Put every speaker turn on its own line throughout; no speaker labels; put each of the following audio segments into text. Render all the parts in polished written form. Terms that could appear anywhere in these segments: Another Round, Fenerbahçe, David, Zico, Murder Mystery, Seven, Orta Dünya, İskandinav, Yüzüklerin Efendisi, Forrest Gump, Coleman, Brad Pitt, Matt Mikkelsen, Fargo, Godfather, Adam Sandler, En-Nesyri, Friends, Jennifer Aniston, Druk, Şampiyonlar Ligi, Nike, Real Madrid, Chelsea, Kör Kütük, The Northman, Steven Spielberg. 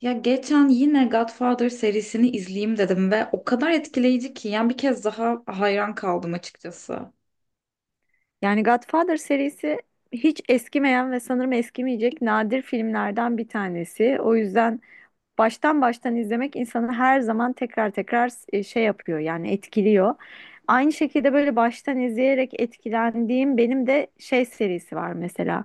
Ya geçen yine Godfather serisini izleyeyim dedim ve o kadar etkileyici ki yani bir kez daha hayran kaldım açıkçası.
Yani Godfather serisi hiç eskimeyen ve sanırım eskimeyecek nadir filmlerden bir tanesi. O yüzden baştan izlemek insanı her zaman tekrar tekrar şey yapıyor, yani etkiliyor. Aynı şekilde böyle baştan izleyerek etkilendiğim benim de şey serisi var mesela.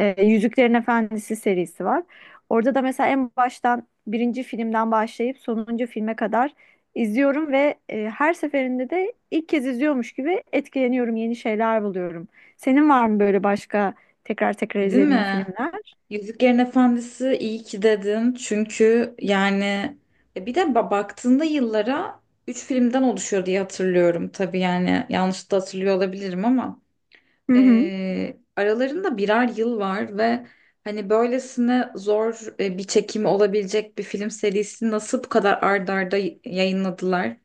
Yüzüklerin Efendisi serisi var. Orada da mesela en baştan birinci filmden başlayıp sonuncu filme kadar izliyorum ve her seferinde de ilk kez izliyormuş gibi etkileniyorum, yeni şeyler buluyorum. Senin var mı böyle başka tekrar tekrar
Değil
izlediğin
mi?
filmler?
Yüzüklerin Efendisi iyi ki dedin çünkü yani bir de baktığında yıllara 3 filmden oluşuyor diye hatırlıyorum. Tabii yani yanlış da hatırlıyor olabilirim ama
Hı hı.
aralarında birer yıl var ve hani böylesine zor bir çekimi olabilecek bir film serisini nasıl bu kadar ard arda yayınladılar?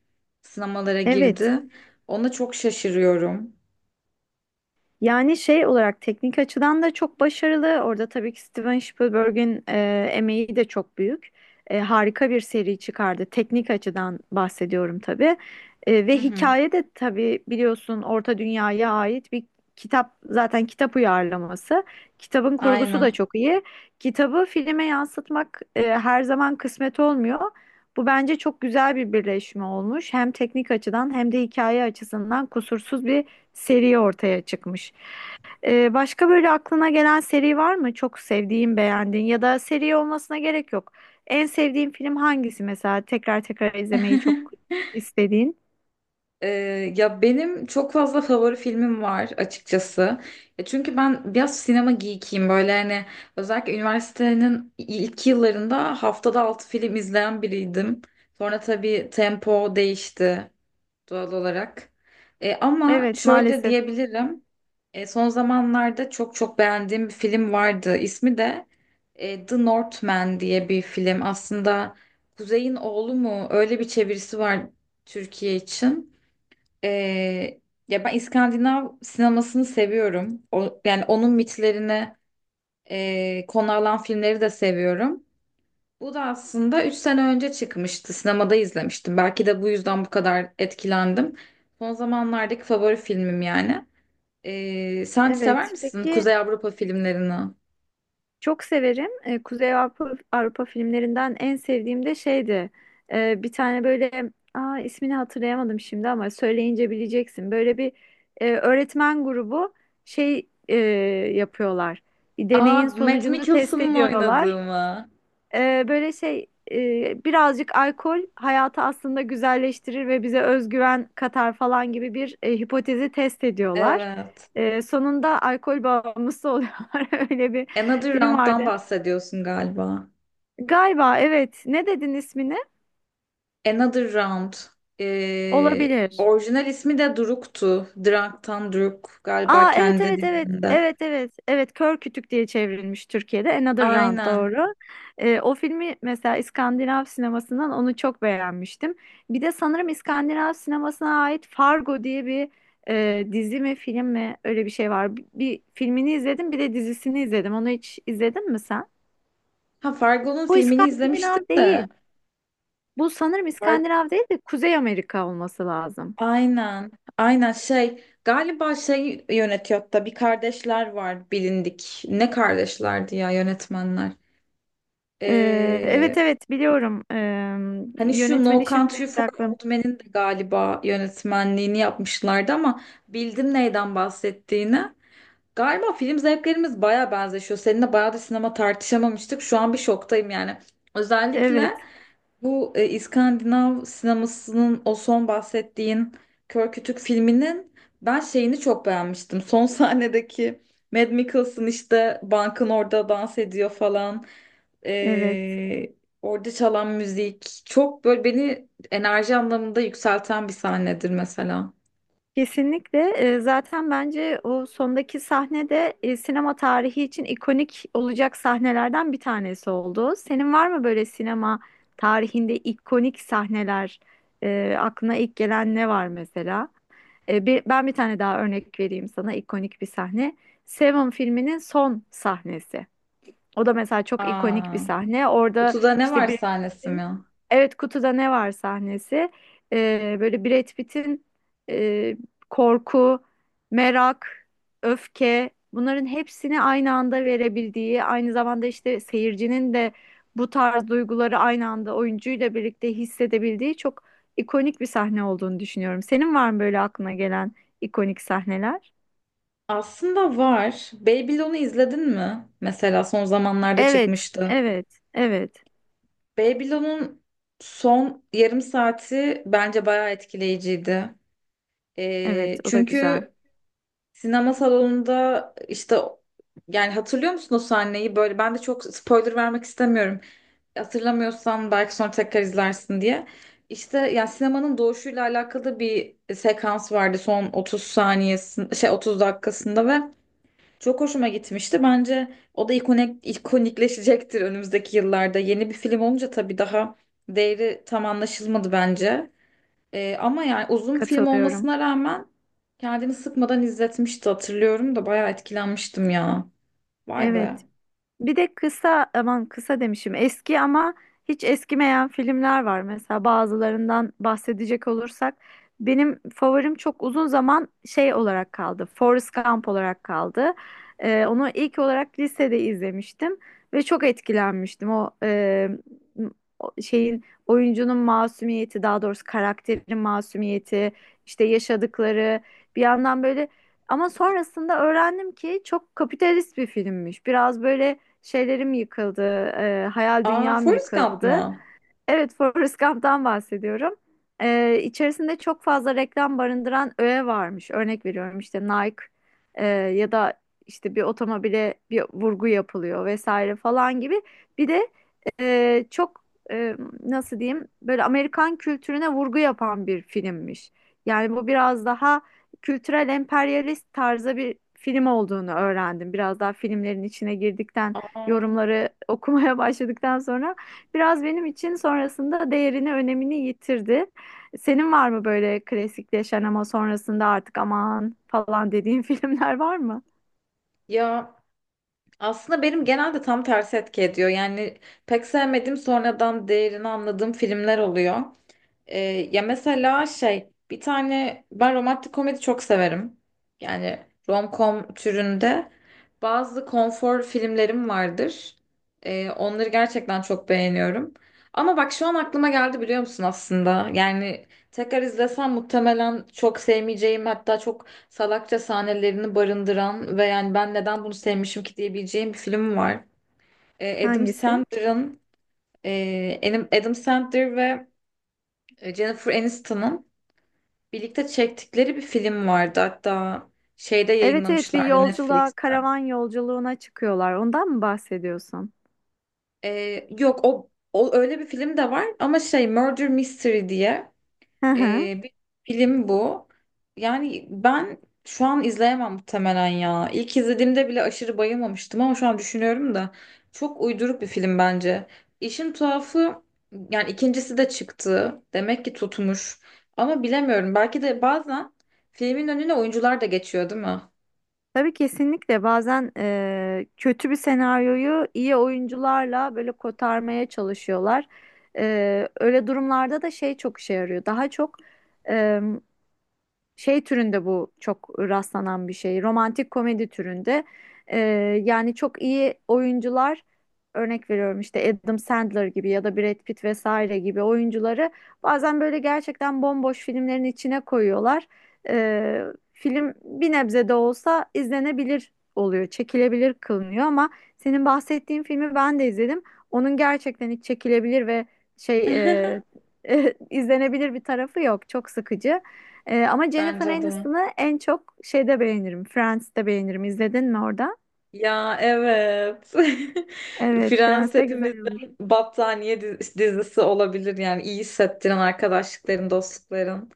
Sinemalara
Evet.
girdi. Ona çok şaşırıyorum.
Yani şey olarak teknik açıdan da çok başarılı. Orada tabii ki Steven Spielberg'in emeği de çok büyük. Harika bir seri çıkardı. Teknik açıdan bahsediyorum tabii.
Hı
Ve
hı,
hikaye de tabii biliyorsun, Orta Dünya'ya ait bir kitap, zaten kitap uyarlaması. Kitabın kurgusu da
aynen.
çok iyi. Kitabı filme yansıtmak her zaman kısmet olmuyor. Bu bence çok güzel bir birleşme olmuş. Hem teknik açıdan hem de hikaye açısından kusursuz bir seri ortaya çıkmış. Başka böyle aklına gelen seri var mı? Çok sevdiğin, beğendiğin, ya da seri olmasına gerek yok. En sevdiğin film hangisi mesela? Tekrar tekrar izlemeyi çok istediğin.
Ee, ya benim çok fazla favori filmim var açıkçası. Ya çünkü ben biraz sinema geekiyim, böyle hani özellikle üniversitenin ilk yıllarında haftada 6 film izleyen biriydim. Sonra tabii tempo değişti doğal olarak. Ama
Evet,
şöyle
maalesef.
diyebilirim. Son zamanlarda çok çok beğendiğim bir film vardı. İsmi de The Northman diye bir film. Aslında Kuzey'in Oğlu mu? Öyle bir çevirisi var Türkiye için. Ee, ya ben İskandinav sinemasını seviyorum. O, yani onun mitlerine konu alan filmleri de seviyorum. Bu da aslında 3 sene önce çıkmıştı. Sinemada izlemiştim. Belki de bu yüzden bu kadar etkilendim. Son zamanlardaki favori filmim yani. Sen sever
Evet.
misin
Peki,
Kuzey Avrupa filmlerini?
çok severim. Kuzey Avrupa, Avrupa filmlerinden en sevdiğim de şeydi. Bir tane böyle, ismini hatırlayamadım şimdi ama söyleyince bileceksin. Böyle bir öğretmen grubu şey yapıyorlar. Bir
Aa,
deneyin
Matt
sonucunu test
Mikkelsen'ın oynadığı
ediyorlar.
mı?
Böyle şey birazcık alkol hayatı aslında güzelleştirir ve bize özgüven katar falan gibi bir hipotezi test ediyorlar.
Evet.
Sonunda alkol bağımlısı oluyorlar. Öyle bir
Another
film vardı.
Round'dan bahsediyorsun galiba.
Galiba evet. Ne dedin ismini?
Another Round.
Olabilir.
Orijinal ismi de Druk'tu. Drunk'tan Druk galiba
Aa, evet,
kendi
evet, evet.
dillerinde.
Evet, evet. Evet, Kör Kütük diye çevrilmiş Türkiye'de. Another Round
Aynen.
doğru. O filmi mesela İskandinav sinemasından onu çok beğenmiştim. Bir de sanırım İskandinav sinemasına ait Fargo diye bir dizi mi film mi öyle bir şey var. Bir filmini izledim, bir de dizisini izledim. Onu hiç izledin mi sen?
Ha, Fargo'nun
Bu
filmini izlemiştim
İskandinav
de.
değil. Bu sanırım
Fargo.
İskandinav değil de Kuzey Amerika olması lazım.
Aynen. Aynen şey, galiba şey yönetiyor, hatta bir kardeşler var bilindik. Ne kardeşlerdi ya yönetmenler.
Evet,
Ee,
evet, biliyorum.
hani şu No
Yönetmeni şimdi
Country
benim de
for
aklım.
Old Men'in de galiba yönetmenliğini yapmışlardı ama bildim neyden bahsettiğini. Galiba film zevklerimiz baya benzeşiyor. Seninle bayağı da sinema tartışamamıştık. Şu an bir şoktayım yani.
Evet,
Özellikle bu İskandinav sinemasının o son bahsettiğin Kör Kütük filminin ben şeyini çok beğenmiştim. Son sahnedeki Mad Mikkelsen işte bankın orada dans ediyor falan.
evet,
E, orada çalan müzik. Çok böyle beni enerji anlamında yükselten bir sahnedir mesela.
kesinlikle. Zaten bence o sondaki sahne de sinema tarihi için ikonik olacak sahnelerden bir tanesi oldu. Senin var mı böyle sinema tarihinde ikonik sahneler? Aklına ilk gelen ne var mesela? Ben bir tane daha örnek vereyim sana, ikonik bir sahne. Seven filminin son sahnesi. O da mesela çok ikonik
Aa,
bir sahne. Orada
kutuda ne
işte
var
Brad
sahnesi
Pitt'in,
mi?
evet, kutuda ne var sahnesi. Böyle Brad Pitt'in e, korku, merak, öfke, bunların hepsini aynı anda verebildiği, aynı zamanda işte seyircinin de bu tarz duyguları aynı anda oyuncuyla birlikte hissedebildiği çok ikonik bir sahne olduğunu düşünüyorum. Senin var mı böyle aklına gelen ikonik sahneler?
Aslında var. Babylon'u izledin mi? Mesela son zamanlarda
Evet,
çıkmıştı.
evet, evet,
Babylon'un son yarım saati bence bayağı etkileyiciydi.
evet. O da güzel.
Çünkü sinema salonunda işte, yani hatırlıyor musun o sahneyi? Böyle ben de çok spoiler vermek istemiyorum. Hatırlamıyorsan belki sonra tekrar izlersin diye. İşte yani sinemanın doğuşuyla alakalı bir sekans vardı son 30 saniyesinde, şey, 30 dakikasında ve çok hoşuma gitmişti. Bence o da ikonikleşecektir önümüzdeki yıllarda. Yeni bir film olunca tabii daha değeri tam anlaşılmadı bence. Ama yani uzun film
Katılıyorum.
olmasına rağmen kendini sıkmadan izletmişti, hatırlıyorum da bayağı etkilenmiştim ya. Vay be.
Evet. Bir de kısa, aman kısa demişim, eski ama hiç eskimeyen filmler var. Mesela bazılarından bahsedecek olursak benim favorim çok uzun zaman şey olarak kaldı. Forrest Gump olarak kaldı. Onu ilk olarak lisede izlemiştim ve çok etkilenmiştim. O şeyin oyuncunun masumiyeti, daha doğrusu karakterin masumiyeti, işte yaşadıkları, bir yandan böyle, ama sonrasında öğrendim ki çok kapitalist bir filmmiş. Biraz böyle şeylerim yıkıldı, hayal
Aa,
dünyam
Forrest Gump
yıkıldı.
mı?
Evet, Forrest Gump'tan bahsediyorum. İçerisinde çok fazla reklam barındıran öğe varmış. Örnek veriyorum, işte Nike ya da işte bir otomobile bir vurgu yapılıyor vesaire falan gibi. Bir de çok e, nasıl diyeyim, böyle Amerikan kültürüne vurgu yapan bir filmmiş. Yani bu biraz daha kültürel emperyalist tarzda bir film olduğunu öğrendim. Biraz daha filmlerin içine girdikten,
Aa,
yorumları okumaya başladıktan sonra biraz benim için sonrasında değerini, önemini yitirdi. Senin var mı böyle klasikleşen ama sonrasında artık aman falan dediğin filmler var mı?
ya aslında benim genelde tam tersi etki ediyor. Yani pek sevmediğim, sonradan değerini anladığım filmler oluyor. Ee, ya mesela şey, bir tane, ben romantik komedi çok severim. Yani rom-com türünde bazı konfor filmlerim vardır. Onları gerçekten çok beğeniyorum. Ama bak şu an aklıma geldi, biliyor musun aslında? Yani tekrar izlesem muhtemelen çok sevmeyeceğim, hatta çok salakça sahnelerini barındıran ve yani ben neden bunu sevmişim ki diyebileceğim bir film var. Adam
Hangisi?
Sandler'ın, Adam Sandler ve Jennifer Aniston'ın birlikte çektikleri bir film vardı. Hatta şeyde
Evet, evet, bir
yayınlamışlardı,
yolculuğa,
Netflix'te.
karavan yolculuğuna çıkıyorlar. Ondan mı bahsediyorsun?
Yok, o öyle bir film de var ama şey, Murder Mystery diye
Hı hı.
bir film bu. Yani ben şu an izleyemem muhtemelen ya. İlk izlediğimde bile aşırı bayılmamıştım ama şu an düşünüyorum da çok uyduruk bir film bence. İşin tuhafı, yani ikincisi de çıktı. Demek ki tutmuş. Ama bilemiyorum. Belki de bazen filmin önüne oyuncular da geçiyor, değil mi?
Tabii, kesinlikle bazen kötü bir senaryoyu iyi oyuncularla böyle kotarmaya çalışıyorlar. Öyle durumlarda da şey çok işe yarıyor. Daha çok şey türünde bu çok rastlanan bir şey. Romantik komedi türünde. Ee, Yani çok iyi oyuncular, örnek veriyorum, işte Adam Sandler gibi ya da Brad Pitt vesaire gibi oyuncuları bazen böyle gerçekten bomboş filmlerin içine koyuyorlar. Ee, Film bir nebze de olsa izlenebilir oluyor, çekilebilir kılınıyor, ama senin bahsettiğin filmi ben de izledim. Onun gerçekten hiç çekilebilir ve şey e, izlenebilir bir tarafı yok. Çok sıkıcı. Ama Jennifer
Bence de.
Aniston'ı en çok şeyde beğenirim. Friends'te beğenirim. İzledin mi orada?
Ya evet.
Evet,
Friends
Friends de güzel olur.
hepimizin battaniye dizisi olabilir, yani iyi hissettiren arkadaşlıkların, dostlukların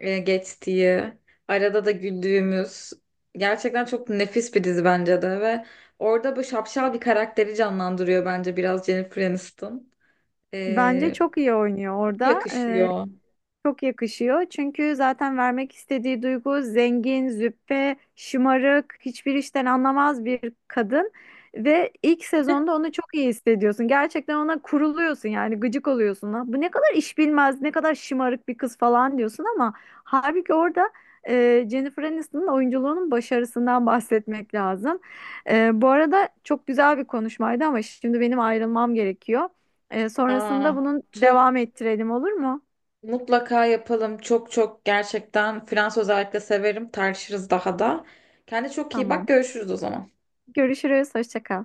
geçtiği, arada da güldüğümüz, gerçekten çok nefis bir dizi bence de ve orada böyle şapşal bir karakteri canlandırıyor bence biraz Jennifer Aniston.
Bence
E,
çok iyi oynuyor
çok
orada.
yakışıyor.
Çok yakışıyor. Çünkü zaten vermek istediği duygu zengin, züppe, şımarık, hiçbir işten anlamaz bir kadın ve ilk sezonda onu çok iyi hissediyorsun. Gerçekten ona kuruluyorsun, yani gıcık oluyorsun. Lan, bu ne kadar iş bilmez, ne kadar şımarık bir kız falan diyorsun, ama halbuki orada Jennifer Aniston'un oyunculuğunun başarısından bahsetmek lazım. Bu arada çok güzel bir konuşmaydı ama şimdi benim ayrılmam gerekiyor. Sonrasında
Aa,
bunun
tüh.
devam ettirelim, olur mu?
Mutlaka yapalım. Çok çok gerçekten Fransız özellikle severim. Tartışırız daha da. Kendine çok iyi bak.
Tamam.
Görüşürüz o zaman.
Görüşürüz. Hoşça kal.